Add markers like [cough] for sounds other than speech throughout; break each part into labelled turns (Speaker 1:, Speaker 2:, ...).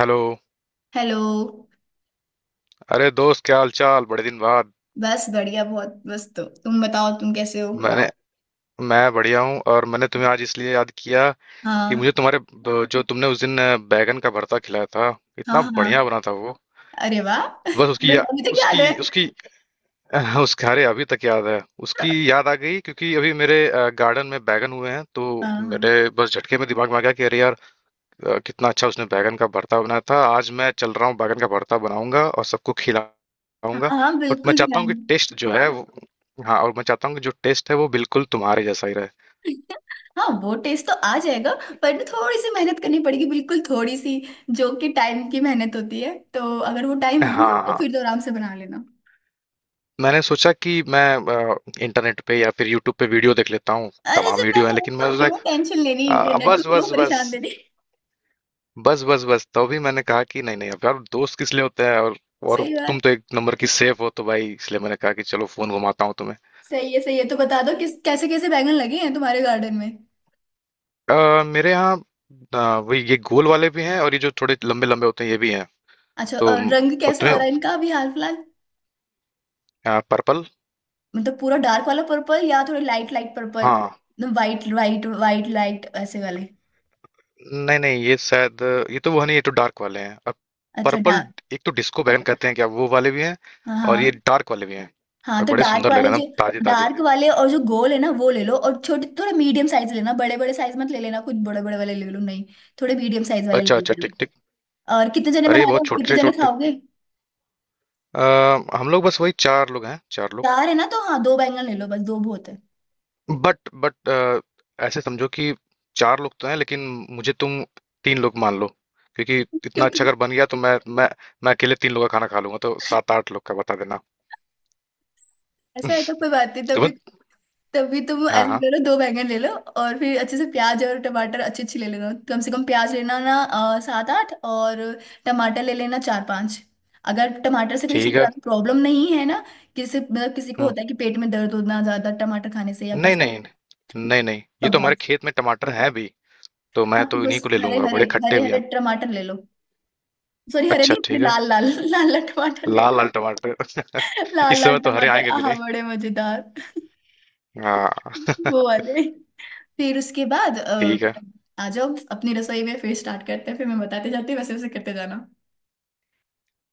Speaker 1: Hello.
Speaker 2: Hello.
Speaker 1: अरे दोस्त, क्या हाल चाल? बड़े दिन बाद।
Speaker 2: बस बढ़िया बहुत। बस तो तुम बताओ, तुम कैसे हो?
Speaker 1: मैंने मैं बढ़िया हूँ। और मैंने तुम्हें आज इसलिए याद किया कि मुझे
Speaker 2: हाँ
Speaker 1: तुम्हारे जो तुमने उस दिन बैगन का भरता खिलाया था,
Speaker 2: हाँ
Speaker 1: इतना बढ़िया
Speaker 2: हाँ,
Speaker 1: बना था वो।
Speaker 2: अरे वाह [laughs]
Speaker 1: बस उसकी
Speaker 2: तुम्हें अभी तक [laughs] याद है?
Speaker 1: उसकी उसकी [laughs] उसके, अरे अभी तक याद है। उसकी याद आ गई क्योंकि अभी मेरे गार्डन में बैगन हुए हैं तो मेरे
Speaker 2: हाँ
Speaker 1: बस झटके में दिमाग में आ गया कि अरे यार, कितना अच्छा उसने बैगन का भरता बनाया था। आज मैं चल रहा हूँ, बैगन का भरता बनाऊंगा और सबको
Speaker 2: हाँ
Speaker 1: खिलाऊंगा।
Speaker 2: हाँ हाँ,
Speaker 1: और मैं
Speaker 2: बिल्कुल
Speaker 1: चाहता हूँ
Speaker 2: ध्यान।
Speaker 1: कि टेस्ट जो है वो, हाँ, और मैं चाहता हूँ कि जो टेस्ट है वो बिल्कुल तुम्हारे जैसा ही रहे।
Speaker 2: [laughs] हाँ, वो टेस्ट तो आ जाएगा। पर ना थोड़ी सी मेहनत करनी पड़ेगी, बिल्कुल थोड़ी सी। जो कि टाइम की मेहनत होती है, तो अगर वो टाइम हो
Speaker 1: हाँ
Speaker 2: तो
Speaker 1: हाँ।
Speaker 2: फिर तो आराम से बना लेना।
Speaker 1: मैंने सोचा कि मैं अ, इंटरनेट पे या फिर यूट्यूब पे वीडियो देख लेता हूँ,
Speaker 2: अरे
Speaker 1: तमाम
Speaker 2: जब मैं
Speaker 1: वीडियो है,
Speaker 2: हूं
Speaker 1: लेकिन
Speaker 2: तो
Speaker 1: मैं
Speaker 2: क्यों टेंशन लेनी,
Speaker 1: सोचा
Speaker 2: इंटरनेट को
Speaker 1: बस
Speaker 2: क्यों
Speaker 1: बस बस।
Speaker 2: परेशान देनी [laughs]
Speaker 1: बस बस बस, तो भी मैंने कहा कि नहीं नहीं, अब यार दोस्त किस लिए होते हैं? और
Speaker 2: सही बात
Speaker 1: तुम तो
Speaker 2: है।
Speaker 1: एक नंबर की सेफ हो, तो भाई इसलिए मैंने कहा कि चलो फोन घुमाता हूँ तुम्हें।
Speaker 2: सही है सही है। तो बता दो किस कैसे कैसे बैंगन लगे हैं तुम्हारे गार्डन में?
Speaker 1: मेरे यहाँ वही, ये गोल वाले भी हैं और ये जो थोड़े लंबे लंबे होते हैं ये भी हैं।
Speaker 2: अच्छा,
Speaker 1: तो
Speaker 2: और रंग कैसा हो
Speaker 1: पतले,
Speaker 2: रहा है इनका अभी हाल फिलहाल?
Speaker 1: Purple purple.
Speaker 2: मतलब पूरा डार्क वाला पर्पल, या थोड़े लाइट लाइट पर्पल,
Speaker 1: हाँ,
Speaker 2: एकदम वाइट वाइट वाइट लाइट ऐसे वाले?
Speaker 1: नहीं नहीं, ये शायद, ये तो वो नहीं, ये तो डार्क वाले हैं। और
Speaker 2: अच्छा,
Speaker 1: पर्पल,
Speaker 2: डार्क।
Speaker 1: एक तो डिस्को बैंगन कहते हैं क्या, वो वाले भी हैं और ये
Speaker 2: हाँ
Speaker 1: डार्क वाले भी हैं।
Speaker 2: हाँ
Speaker 1: और
Speaker 2: तो
Speaker 1: बड़े सुंदर लग रहे हैं ना, ताजे ताजे।
Speaker 2: डार्क वाले और जो गोल है ना, वो ले लो। और छोटे, थोड़ा मीडियम साइज लेना, बड़े बड़े साइज मत ले लेना, कुछ बड़े बड़े वाले ले लो नहीं, थोड़े मीडियम साइज वाले
Speaker 1: अच्छा
Speaker 2: ले
Speaker 1: अच्छा,
Speaker 2: लो।
Speaker 1: ठीक ठीक।
Speaker 2: और कितने जने बना
Speaker 1: अरे
Speaker 2: रहे
Speaker 1: बहुत
Speaker 2: हो, कितने
Speaker 1: छोटे
Speaker 2: जने
Speaker 1: छोटे
Speaker 2: खाओगे?
Speaker 1: अ, हम लोग बस वही चार लोग हैं, चार लोग।
Speaker 2: चार है ना, तो हाँ दो बैंगन ले लो, बस दो बहुत है।
Speaker 1: बट ऐसे समझो कि चार लोग तो हैं लेकिन मुझे, तुम तीन लोग मान लो, क्योंकि
Speaker 2: [laughs]
Speaker 1: इतना
Speaker 2: क्यों?
Speaker 1: अच्छा अगर बन गया तो मैं मैं अकेले तीन लोग का खाना खा लूंगा, तो सात आठ लोग का बता देना।
Speaker 2: ऐसा है तो कोई बात नहीं,
Speaker 1: [laughs]
Speaker 2: तभी।
Speaker 1: तुम्हें
Speaker 2: तभी तुम
Speaker 1: हाँ
Speaker 2: ऐसा
Speaker 1: हाँ।
Speaker 2: करो, दो बैंगन ले लो। और फिर अच्छे से प्याज और टमाटर अच्छी अच्छी ले लेना। कम से कम प्याज लेना ना, सात आठ। और टमाटर ले लेना, चार पांच। अगर टमाटर से कोई
Speaker 1: ठीक है।
Speaker 2: ज्यादा प्रॉब्लम नहीं है ना, किसी मतलब किसी को
Speaker 1: हम्म।
Speaker 2: होता है कि पेट में दर्द होना ज्यादा टमाटर खाने से या
Speaker 1: नहीं
Speaker 2: कुछ।
Speaker 1: नहीं। नहीं नहीं,
Speaker 2: तो
Speaker 1: ये तो हमारे
Speaker 2: बस।
Speaker 1: खेत में टमाटर हैं भी, तो मैं
Speaker 2: हाँ तो
Speaker 1: तो
Speaker 2: बस।
Speaker 1: इन्हीं को ले
Speaker 2: हरे
Speaker 1: लूंगा,
Speaker 2: हरे,
Speaker 1: बड़े खट्टे
Speaker 2: हरे
Speaker 1: भी
Speaker 2: हरे
Speaker 1: हैं।
Speaker 2: टमाटर ले लो, सॉरी हरे
Speaker 1: अच्छा
Speaker 2: नहीं, हरे
Speaker 1: ठीक है।
Speaker 2: लाल लाल [laughs] लाल लाल टमाटर ले।
Speaker 1: लाल लाल टमाटर [laughs]
Speaker 2: लाल
Speaker 1: इस
Speaker 2: लाल
Speaker 1: समय तो हरे
Speaker 2: टमाटर,
Speaker 1: आएंगे भी
Speaker 2: आहा,
Speaker 1: नहीं।
Speaker 2: बड़े मजेदार।
Speaker 1: हाँ।
Speaker 2: [laughs] वो वाले। फिर उसके बाद,
Speaker 1: [laughs] ठीक है।
Speaker 2: आ जाओ अपनी रसोई में, फिर स्टार्ट करते हैं, फिर मैं बताते जाती हूँ, वैसे वैसे करते जाना।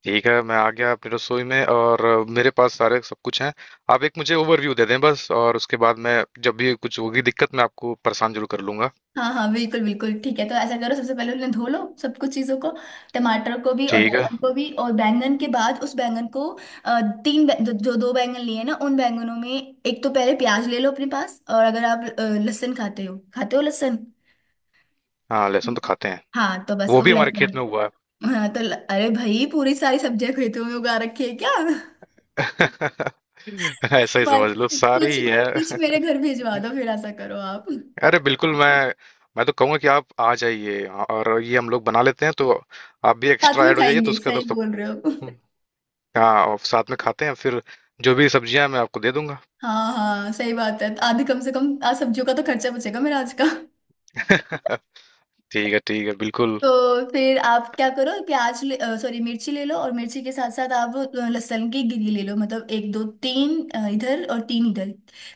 Speaker 1: ठीक है, मैं आ गया अपनी रसोई में और मेरे पास सारे सब कुछ हैं। आप एक मुझे ओवरव्यू दे दें बस, और उसके बाद मैं जब भी कुछ होगी दिक्कत, मैं आपको परेशान जरूर कर लूंगा।
Speaker 2: हाँ हाँ बिल्कुल बिल्कुल, ठीक है। तो ऐसा करो, सबसे पहले उन्हें धो लो, सब कुछ चीज़ों को। टमाटर को भी और
Speaker 1: ठीक है।
Speaker 2: बैंगन को भी। और बैंगन के बाद उस बैंगन को, तीन जो दो बैंगन लिए ना, उन बैंगनों में एक तो पहले प्याज ले लो अपने पास। और अगर आप लहसुन खाते हो, खाते हो लहसुन?
Speaker 1: हाँ, लहसुन तो खाते हैं।
Speaker 2: हाँ तो बस
Speaker 1: वो
Speaker 2: वो
Speaker 1: भी हमारे खेत में
Speaker 2: लहसुन।
Speaker 1: हुआ।
Speaker 2: हाँ तो अरे भाई, पूरी सारी सब्जियां खेतों में उगा रखी है क्या
Speaker 1: है [laughs] ऐसा ही समझ लो,
Speaker 2: तुम्हारे?
Speaker 1: सारी
Speaker 2: कुछ
Speaker 1: ही है।
Speaker 2: कुछ
Speaker 1: [laughs]
Speaker 2: मेरे घर भिजवा दो। फिर ऐसा करो आप,
Speaker 1: अरे बिल्कुल, मैं तो कहूंगा कि आप आ जाइए और ये हम लोग बना लेते हैं, तो आप भी
Speaker 2: साथ
Speaker 1: एक्स्ट्रा
Speaker 2: में
Speaker 1: ऐड हो जाइए तो
Speaker 2: खाएंगे,
Speaker 1: उसके
Speaker 2: सही
Speaker 1: बाद सब।
Speaker 2: बोल रहे हो।
Speaker 1: हाँ, और साथ में खाते हैं फिर। जो भी सब्जियां हैं, मैं आपको दे दूंगा।
Speaker 2: हाँ हाँ सही बात है, आधे कम से कम आज सब्जियों का तो खर्चा बचेगा मेरा आज का।
Speaker 1: [laughs] ठीक है ठीक है, बिल्कुल।
Speaker 2: तो फिर आप क्या करो, प्याज ले, सॉरी मिर्ची ले लो, और मिर्ची के साथ साथ आप लहसुन की गिरी ले लो। मतलब एक दो तीन, इधर और तीन इधर।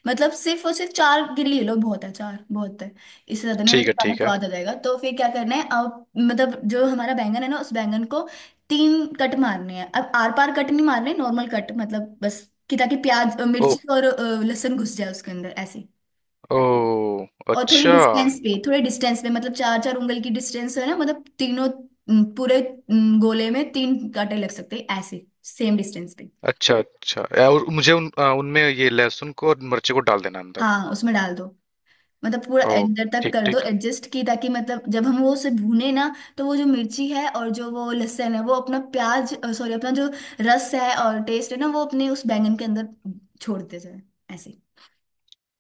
Speaker 2: मतलब सिर्फ और सिर्फ चार गिरी ले लो, बहुत है, चार बहुत है। इससे ज्यादा नहीं होता
Speaker 1: ठीक है
Speaker 2: तो खाना
Speaker 1: ठीक
Speaker 2: स्वाद आ जाएगा। तो फिर क्या करना है आप, मतलब जो हमारा बैंगन है ना, उस बैंगन को तीन कट मारने हैं। अब आर पार कट नहीं मारने, नॉर्मल कट, मतलब बस कि ताकि प्याज,
Speaker 1: है।
Speaker 2: मिर्ची और लहसुन घुस जाए उसके अंदर, ऐसे।
Speaker 1: ओ,
Speaker 2: और थोड़ी
Speaker 1: अच्छा
Speaker 2: डिस्टेंस पे, थोड़े डिस्टेंस पे, मतलब चार चार उंगल की डिस्टेंस है ना। मतलब तीनों, पूरे, गोले में तीन कांटे लग सकते हैं ऐसे, सेम डिस्टेंस पे।
Speaker 1: अच्छा। अच्छा और मुझे उनमें ये लहसुन को और मिर्ची को डाल देना अंदर।
Speaker 2: हाँ उसमें डाल दो, मतलब पूरा
Speaker 1: ओ,
Speaker 2: अंदर तक
Speaker 1: ठीक
Speaker 2: कर दो
Speaker 1: ठीक।
Speaker 2: एडजस्ट की, ताकि मतलब जब हम वो उसे भूने ना, तो वो जो मिर्ची है और जो वो लहसुन है, वो अपना प्याज, सॉरी अपना जो रस है और टेस्ट है ना, वो अपने उस बैंगन के अंदर छोड़ते जाए, ऐसे।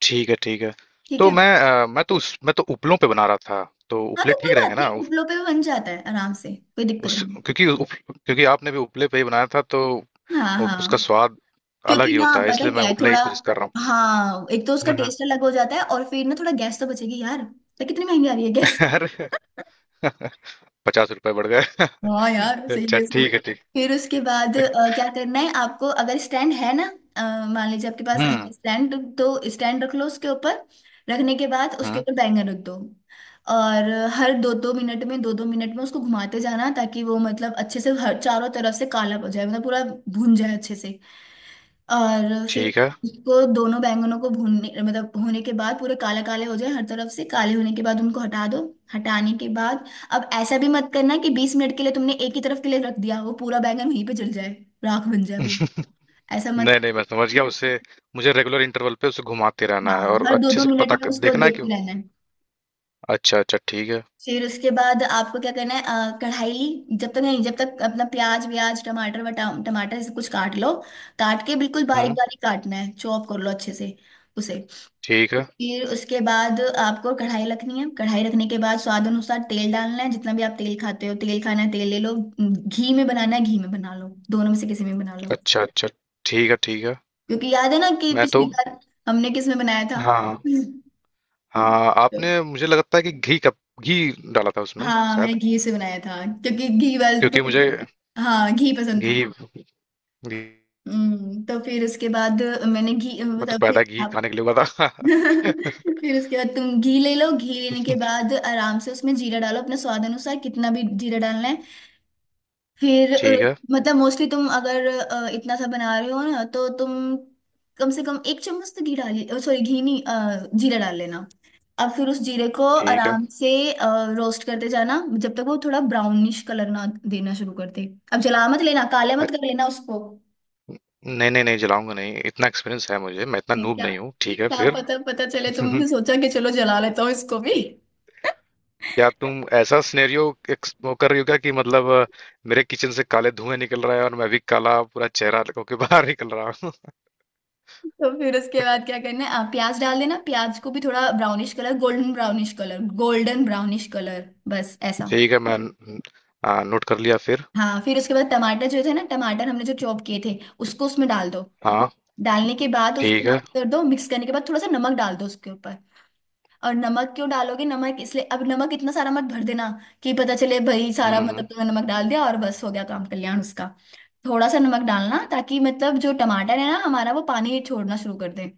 Speaker 1: ठीक है ठीक है,
Speaker 2: ठीक
Speaker 1: तो
Speaker 2: है।
Speaker 1: मैं मैं तो उस मैं तो उपलों पे बना रहा था, तो
Speaker 2: हाँ
Speaker 1: उपले
Speaker 2: तो कोई
Speaker 1: ठीक रहेंगे
Speaker 2: बात
Speaker 1: ना
Speaker 2: नहीं,
Speaker 1: उस,
Speaker 2: उपलो पे भी बन जाता है आराम से, कोई दिक्कत नहीं।
Speaker 1: क्योंकि क्योंकि आपने भी उपले पे ही बनाया था तो
Speaker 2: हाँ
Speaker 1: उसका
Speaker 2: हाँ।
Speaker 1: स्वाद अलग
Speaker 2: क्योंकि
Speaker 1: ही
Speaker 2: ना,
Speaker 1: होता है,
Speaker 2: पता है
Speaker 1: इसलिए मैं
Speaker 2: क्या है
Speaker 1: उपले ही
Speaker 2: थोड़ा,
Speaker 1: कोशिश कर रहा हूँ।
Speaker 2: हाँ, एक तो उसका
Speaker 1: हम्म, हम्म।
Speaker 2: टेस्ट अलग हो जाता है, और फिर ना थोड़ा गैस तो बचेगी यार। तो कितनी महंगी आ रही है गैस?
Speaker 1: [laughs] अरे। [laughs] 50 रुपए बढ़ गए।
Speaker 2: हाँ
Speaker 1: [laughs]
Speaker 2: यार,
Speaker 1: अच्छा
Speaker 2: सीरियसली।
Speaker 1: ठीक है ठीक।
Speaker 2: फिर उसके बाद, क्या करना है आपको, अगर स्टैंड है ना, मान लीजिए आपके पास
Speaker 1: हम्म
Speaker 2: है स्टैंड, तो स्टैंड रख लो उसके ऊपर। रखने के बाद उसके
Speaker 1: हम्म।
Speaker 2: ऊपर बैंगन रख दो। और हर 2-2 मिनट में, 2-2 मिनट में उसको घुमाते जाना, ताकि वो मतलब अच्छे से हर चारों तरफ से काला हो जाए, मतलब पूरा भुन जाए अच्छे से। और फिर
Speaker 1: ठीक है।
Speaker 2: उसको, दोनों बैंगनों को भूनने मतलब होने के बाद, पूरे काले काले हो जाए, हर तरफ से काले होने के बाद उनको हटा दो। हटाने के बाद, अब ऐसा भी मत करना कि 20 मिनट के लिए तुमने एक ही तरफ के लिए रख दिया, वो पूरा बैंगन वहीं पे जल जाए, राख बन जाए वो।
Speaker 1: [laughs]
Speaker 2: ऐसा मत
Speaker 1: नहीं नहीं, मैं
Speaker 2: करना।
Speaker 1: समझ गया उसे। मुझे रेगुलर इंटरवल पे उसे घुमाते रहना है
Speaker 2: हाँ,
Speaker 1: और
Speaker 2: हर दो
Speaker 1: अच्छे
Speaker 2: दो
Speaker 1: से
Speaker 2: मिनट में उसको
Speaker 1: देखना है क्यों।
Speaker 2: देखते रहना है।
Speaker 1: अच्छा अच्छा ठीक है।
Speaker 2: फिर उसके बाद आपको क्या करना है, कढ़ाई जब तक नहीं, जब तक अपना प्याज व्याज, टमाटर वटा, टमाटर से कुछ काट लो। काट के बिल्कुल बारीक
Speaker 1: हम्म।
Speaker 2: बारीक काटना है, चॉप कर लो अच्छे से उसे।
Speaker 1: ठीक है।
Speaker 2: फिर उसके बाद आपको कढ़ाई रखनी है। कढ़ाई रखने के बाद स्वाद अनुसार तेल डालना है, जितना भी आप तेल खाते हो, तेल खाना है तेल ले लो, घी में बनाना है घी में बना लो, दोनों में से किसी में बना लो।
Speaker 1: अच्छा अच्छा ठीक है ठीक है।
Speaker 2: क्योंकि याद है ना कि
Speaker 1: मैं तो
Speaker 2: पिछली बार हमने किस में बनाया था?
Speaker 1: हाँ
Speaker 2: [laughs]
Speaker 1: हाँ, आपने, मुझे लगता है कि घी का, घी डाला था उसमें
Speaker 2: हाँ,
Speaker 1: शायद।
Speaker 2: मैंने घी से बनाया था, क्योंकि घी वाल तो,
Speaker 1: क्योंकि मुझे
Speaker 2: हाँ घी पसंद था।
Speaker 1: घी, घी।
Speaker 2: तो फिर उसके बाद मैंने घी
Speaker 1: मैं तो
Speaker 2: मतलब, फिर
Speaker 1: पैदा घी
Speaker 2: आप
Speaker 1: खाने के लिए हुआ था।
Speaker 2: [laughs]
Speaker 1: [laughs]
Speaker 2: फिर उसके बाद तुम घी ले लो। घी लेने के बाद आराम से उसमें जीरा डालो अपने स्वाद अनुसार, कितना भी जीरा डालना है। फिर
Speaker 1: ठीक है
Speaker 2: मतलब मोस्टली तुम अगर इतना सा बना रहे हो ना, तो तुम कम से कम 1 चम्मच तो घी डाली, सॉरी घी नहीं, जीरा डाल लेना। अब फिर उस जीरे को
Speaker 1: ठीक है।
Speaker 2: आराम से रोस्ट करते जाना, जब तक वो थोड़ा ब्राउनिश कलर ना देना शुरू कर दे। अब जला मत लेना, काले मत
Speaker 1: अच्छ-
Speaker 2: कर लेना उसको।
Speaker 1: नहीं नहीं नहीं, जलाऊंगा नहीं, इतना एक्सपीरियंस है मुझे, मैं इतना
Speaker 2: ये
Speaker 1: नूब
Speaker 2: क्या,
Speaker 1: नहीं हूँ। ठीक है
Speaker 2: क्या
Speaker 1: फिर।
Speaker 2: पता पता चले तुमने
Speaker 1: [laughs]
Speaker 2: सोचा कि चलो जला लेता हूँ इसको भी।
Speaker 1: क्या तुम ऐसा सिनेरियो वो कर रही हो क्या, कि मतलब मेरे किचन से काले धुएं निकल रहा है और मैं भी काला पूरा चेहरा होके [laughs] बाहर निकल रहा हूँ।
Speaker 2: तो फिर उसके बाद क्या करना है, आप प्याज डाल देना। प्याज को भी थोड़ा brownish colour, golden brownish colour, golden brownish colour बस, ऐसा।
Speaker 1: ठीक है मैं हाँ, नोट कर लिया फिर।
Speaker 2: हाँ फिर उसके बाद टमाटर जो थे ना, टमाटर हमने जो चॉप किए थे, उसको उसमें डाल दो।
Speaker 1: हाँ।
Speaker 2: डालने के बाद उसको
Speaker 1: ठीक है।
Speaker 2: मिक्स कर दो, मिक्स करने के बाद थोड़ा सा नमक डाल दो उसके ऊपर। और नमक क्यों डालोगे, नमक इसलिए, अब नमक इतना सारा मत भर देना कि पता चले भाई सारा,
Speaker 1: हम्म हम्म,
Speaker 2: मतलब तुमने नमक डाल दिया और बस हो गया काम कल्याण उसका। थोड़ा सा नमक डालना, ताकि मतलब जो टमाटर है ना हमारा, वो पानी छोड़ना शुरू कर दे।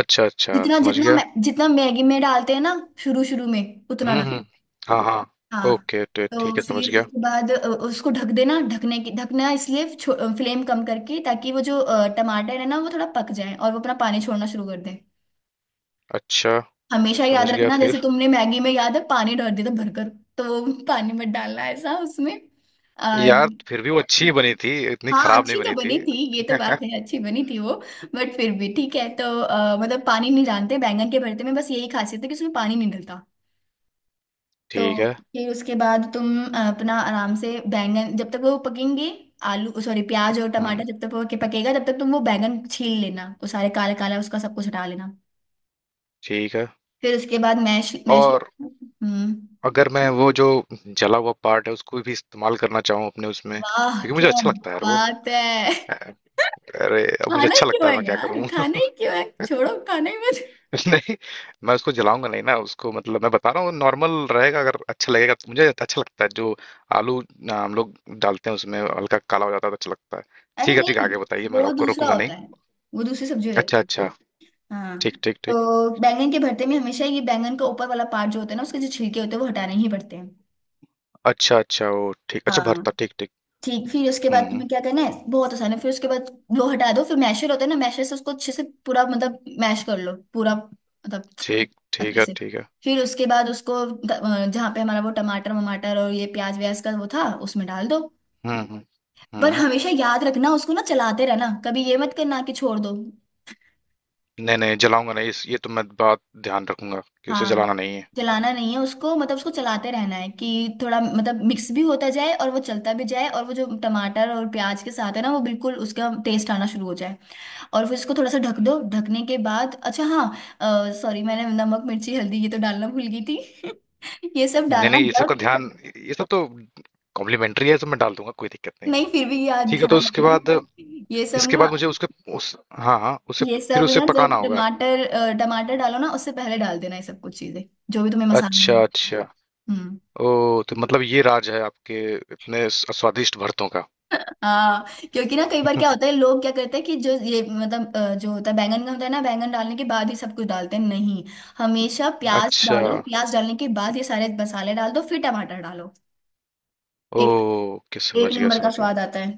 Speaker 1: अच्छा अच्छा,
Speaker 2: जितना
Speaker 1: समझ
Speaker 2: जितना
Speaker 1: गया।
Speaker 2: जितना मैगी में डालते हैं ना शुरू शुरू में, उतना डाल।
Speaker 1: हम्म। हाँ हाँ।
Speaker 2: हाँ।
Speaker 1: ओके, तो ठीक
Speaker 2: तो
Speaker 1: है,
Speaker 2: फिर
Speaker 1: समझ गया।
Speaker 2: उसके बाद उसको ढक देना। ढकने की, ढकना इसलिए फ्लेम कम करके, ताकि वो जो टमाटर है ना, वो थोड़ा पक जाए और वो अपना पानी छोड़ना शुरू कर दे।
Speaker 1: अच्छा
Speaker 2: हमेशा याद
Speaker 1: समझ गया
Speaker 2: रखना, जैसे
Speaker 1: फिर।
Speaker 2: तुमने मैगी में, याद है, पानी डाल दिया था भरकर। तो वो [laughs] पानी मत डालना ऐसा उसमें। और
Speaker 1: यार फिर भी वो अच्छी ही बनी थी, इतनी
Speaker 2: हाँ,
Speaker 1: खराब नहीं
Speaker 2: अच्छी तो
Speaker 1: बनी
Speaker 2: बनी
Speaker 1: थी।
Speaker 2: थी, ये तो बात है, अच्छी बनी थी वो। बट फिर भी ठीक है। तो मतलब पानी नहीं, जानते बैंगन के भरते में बस यही खासियत है कि उसमें पानी नहीं डलता। तो
Speaker 1: ठीक है।
Speaker 2: फिर उसके बाद तुम अपना आराम से बैंगन जब तक वो पकेंगे, आलू सॉरी प्याज और
Speaker 1: हम्म।
Speaker 2: टमाटर जब तक वो के पकेगा, तब तक तुम वो बैंगन छील लेना, वो सारे काला काला उसका सब कुछ हटा लेना।
Speaker 1: ठीक है।
Speaker 2: फिर उसके बाद मैश मैश।
Speaker 1: और
Speaker 2: हम्म।
Speaker 1: अगर मैं वो जो जला हुआ पार्ट है उसको भी इस्तेमाल करना चाहूँ अपने उसमें,
Speaker 2: वाह
Speaker 1: क्योंकि मुझे
Speaker 2: क्या
Speaker 1: अच्छा लगता है यार वो।
Speaker 2: बात है [laughs]
Speaker 1: अरे अब मुझे
Speaker 2: खाना ही
Speaker 1: अच्छा लगता
Speaker 2: क्यों
Speaker 1: है,
Speaker 2: है
Speaker 1: मैं क्या
Speaker 2: यार,
Speaker 1: करूँ?
Speaker 2: खाना
Speaker 1: [laughs]
Speaker 2: ही क्यों है, छोड़ो खाना ही मत।
Speaker 1: नहीं, मैं उसको जलाऊंगा नहीं ना, उसको मतलब मैं बता रहा हूँ नॉर्मल रहेगा, अगर अच्छा लगेगा, तो मुझे अच्छा लगता है जो आलू हम लोग डालते हैं उसमें हल्का काला हो जाता है तो अच्छा लगता है।
Speaker 2: अरे
Speaker 1: ठीक है ठीक है,
Speaker 2: नहीं,
Speaker 1: आगे बताइए, मैं
Speaker 2: वो
Speaker 1: आपको
Speaker 2: दूसरा
Speaker 1: रोकूंगा
Speaker 2: होता
Speaker 1: नहीं।
Speaker 2: है, वो दूसरी सब्जी हो
Speaker 1: अच्छा
Speaker 2: जाती है।
Speaker 1: अच्छा,
Speaker 2: हाँ,
Speaker 1: ठीक ठीक ठीक।
Speaker 2: तो बैंगन के भरते में हमेशा ये बैंगन का ऊपर वाला पार्ट जो होता है ना, उसके जो छिलके होते हैं वो हटाने ही पड़ते हैं।
Speaker 1: अच्छा अच्छा, वो ठीक, अच्छा
Speaker 2: हाँ
Speaker 1: भरता, ठीक ठीक।
Speaker 2: ठीक। फिर उसके
Speaker 1: हम्म
Speaker 2: बाद
Speaker 1: हम्म,
Speaker 2: तुम्हें क्या करना है, बहुत आसान है। फिर उसके बाद वो हटा दो, फिर मैशर होता है ना, मैशर से उसको अच्छे से पूरा मतलब मैश कर लो, पूरा मतलब
Speaker 1: ठीक ठीक
Speaker 2: अच्छे
Speaker 1: है
Speaker 2: से।
Speaker 1: ठीक है।
Speaker 2: फिर उसके बाद उसको जहाँ पे हमारा वो टमाटर वमाटर और ये प्याज व्याज का वो था, उसमें डाल दो।
Speaker 1: हम्म।
Speaker 2: पर
Speaker 1: हम्म।
Speaker 2: हमेशा याद रखना उसको ना चलाते रहना, कभी ये मत करना कि छोड़ दो।
Speaker 1: नहीं नहीं, जलाऊंगा नहीं इस, ये तो मैं बात, ध्यान रखूंगा कि उसे जलाना
Speaker 2: हाँ,
Speaker 1: नहीं है।
Speaker 2: चलाना नहीं है उसको, मतलब उसको चलाते रहना है, कि थोड़ा मतलब मिक्स भी होता जाए और वो चलता भी जाए, और वो जो टमाटर और प्याज के साथ है ना, वो बिल्कुल उसका टेस्ट आना शुरू हो जाए। और फिर इसको थोड़ा सा ढक दो। ढकने के बाद, अच्छा हाँ सॉरी, मैंने नमक मिर्ची हल्दी ये तो डालना भूल गई थी [laughs] ये सब
Speaker 1: नहीं
Speaker 2: डालना
Speaker 1: नहीं, ये सब का
Speaker 2: जब,
Speaker 1: ध्यान, ये सब तो कॉम्प्लीमेंट्री है, ये सब मैं डाल दूंगा, कोई दिक्कत नहीं।
Speaker 2: नहीं फिर भी याद
Speaker 1: ठीक है तो
Speaker 2: ध्यान
Speaker 1: उसके
Speaker 2: रखना
Speaker 1: बाद,
Speaker 2: कि ये सब
Speaker 1: इसके
Speaker 2: ना,
Speaker 1: बाद मुझे उसके, उस हाँ हाँ उसे
Speaker 2: ये
Speaker 1: फिर
Speaker 2: सब
Speaker 1: उसे
Speaker 2: ना जब
Speaker 1: पकाना होगा।
Speaker 2: टमाटर, टमाटर डालो ना उससे पहले डाल देना, ये सब कुछ चीजें, जो भी तुम्हें मसाला डालना
Speaker 1: अच्छा अच्छा।
Speaker 2: है। हम्म।
Speaker 1: ओ, तो मतलब ये राज है आपके इतने स्वादिष्ट भरतों का।
Speaker 2: हाँ क्योंकि ना कई बार क्या होता है,
Speaker 1: [laughs]
Speaker 2: लोग क्या करते हैं कि जो ये मतलब, जो होता है बैंगन का, होता है ना, बैंगन डालने के बाद ही सब कुछ डालते हैं, नहीं। हमेशा प्याज
Speaker 1: अच्छा।
Speaker 2: डालो, प्याज डालने के बाद ये सारे मसाले डाल दो, फिर टमाटर डालो।
Speaker 1: ओ
Speaker 2: एक
Speaker 1: के
Speaker 2: एक
Speaker 1: समझ गया
Speaker 2: नंबर का
Speaker 1: समझ गया।
Speaker 2: स्वाद आता है।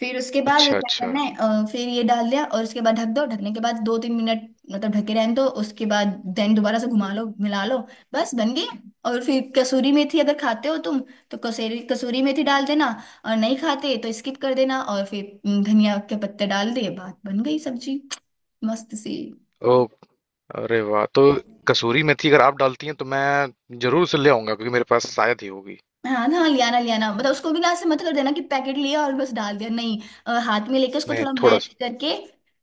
Speaker 2: फिर उसके बाद
Speaker 1: अच्छा
Speaker 2: क्या
Speaker 1: अच्छा।
Speaker 2: करना है, फिर ये डाल दिया और उसके बाद ढक दो। ढकने के बाद 2-3 मिनट, मतलब ढके रहने दो। उसके बाद देन दोबारा से घुमा लो, मिला लो, बस बन गई। और फिर कसूरी मेथी अगर खाते हो तुम, तो कसूरी कसूरी मेथी डाल देना, और नहीं खाते तो स्किप कर देना। और फिर धनिया के पत्ते डाल दिए, बात बन गई सब्जी मस्त सी।
Speaker 1: ओ, अरे वाह, तो कसूरी मेथी अगर आप डालती हैं तो मैं जरूर उसे ले आऊंगा, क्योंकि मेरे पास शायद ही होगी।
Speaker 2: हाँ ना, लियाना लियाना मतलब उसको भी ना ऐसे मत कर देना कि पैकेट लिया और बस डाल दिया, नहीं। हाथ में लेके उसको
Speaker 1: नहीं,
Speaker 2: थोड़ा
Speaker 1: थोड़ा
Speaker 2: मैश
Speaker 1: सा।
Speaker 2: करके,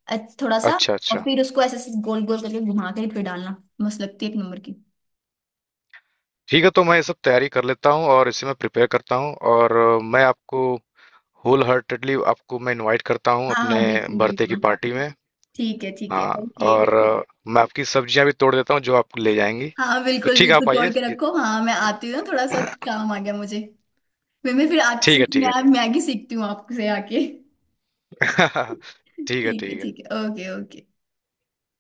Speaker 2: थोड़ा सा,
Speaker 1: अच्छा
Speaker 2: और
Speaker 1: अच्छा।
Speaker 2: फिर उसको ऐसे ऐसे गोल गोल करके घुमा के फिर डालना। मस्त लगती है एक नंबर की।
Speaker 1: ठीक है, तो मैं ये सब तैयारी कर लेता हूँ और इसे मैं प्रिपेयर करता हूँ, और मैं आपको होल हार्टेडली आपको मैं इनवाइट करता हूँ
Speaker 2: हाँ हाँ
Speaker 1: अपने
Speaker 2: बिल्कुल
Speaker 1: बर्थडे की
Speaker 2: बिल्कुल,
Speaker 1: पार्टी में।
Speaker 2: ठीक है ठीक है,
Speaker 1: हाँ,
Speaker 2: ओके।
Speaker 1: और मैं आपकी सब्जियां भी तोड़ देता हूँ जो आप ले जाएंगी।
Speaker 2: हाँ
Speaker 1: तो
Speaker 2: बिल्कुल
Speaker 1: ठीक है,
Speaker 2: बिल्कुल
Speaker 1: आप
Speaker 2: तोड़
Speaker 1: आइए।
Speaker 2: के रखो, हाँ मैं आती हूँ ना थोड़ा सा। काम आ गया मुझे। फिर मैं, फिर आपसे
Speaker 1: ठीक है ठीक है।
Speaker 2: मैं मैगी सीखती हूँ आपसे आके [laughs]
Speaker 1: [laughs] ठीक है
Speaker 2: ठीक है
Speaker 1: ठीक है।
Speaker 2: ठीक है, ओके ओके।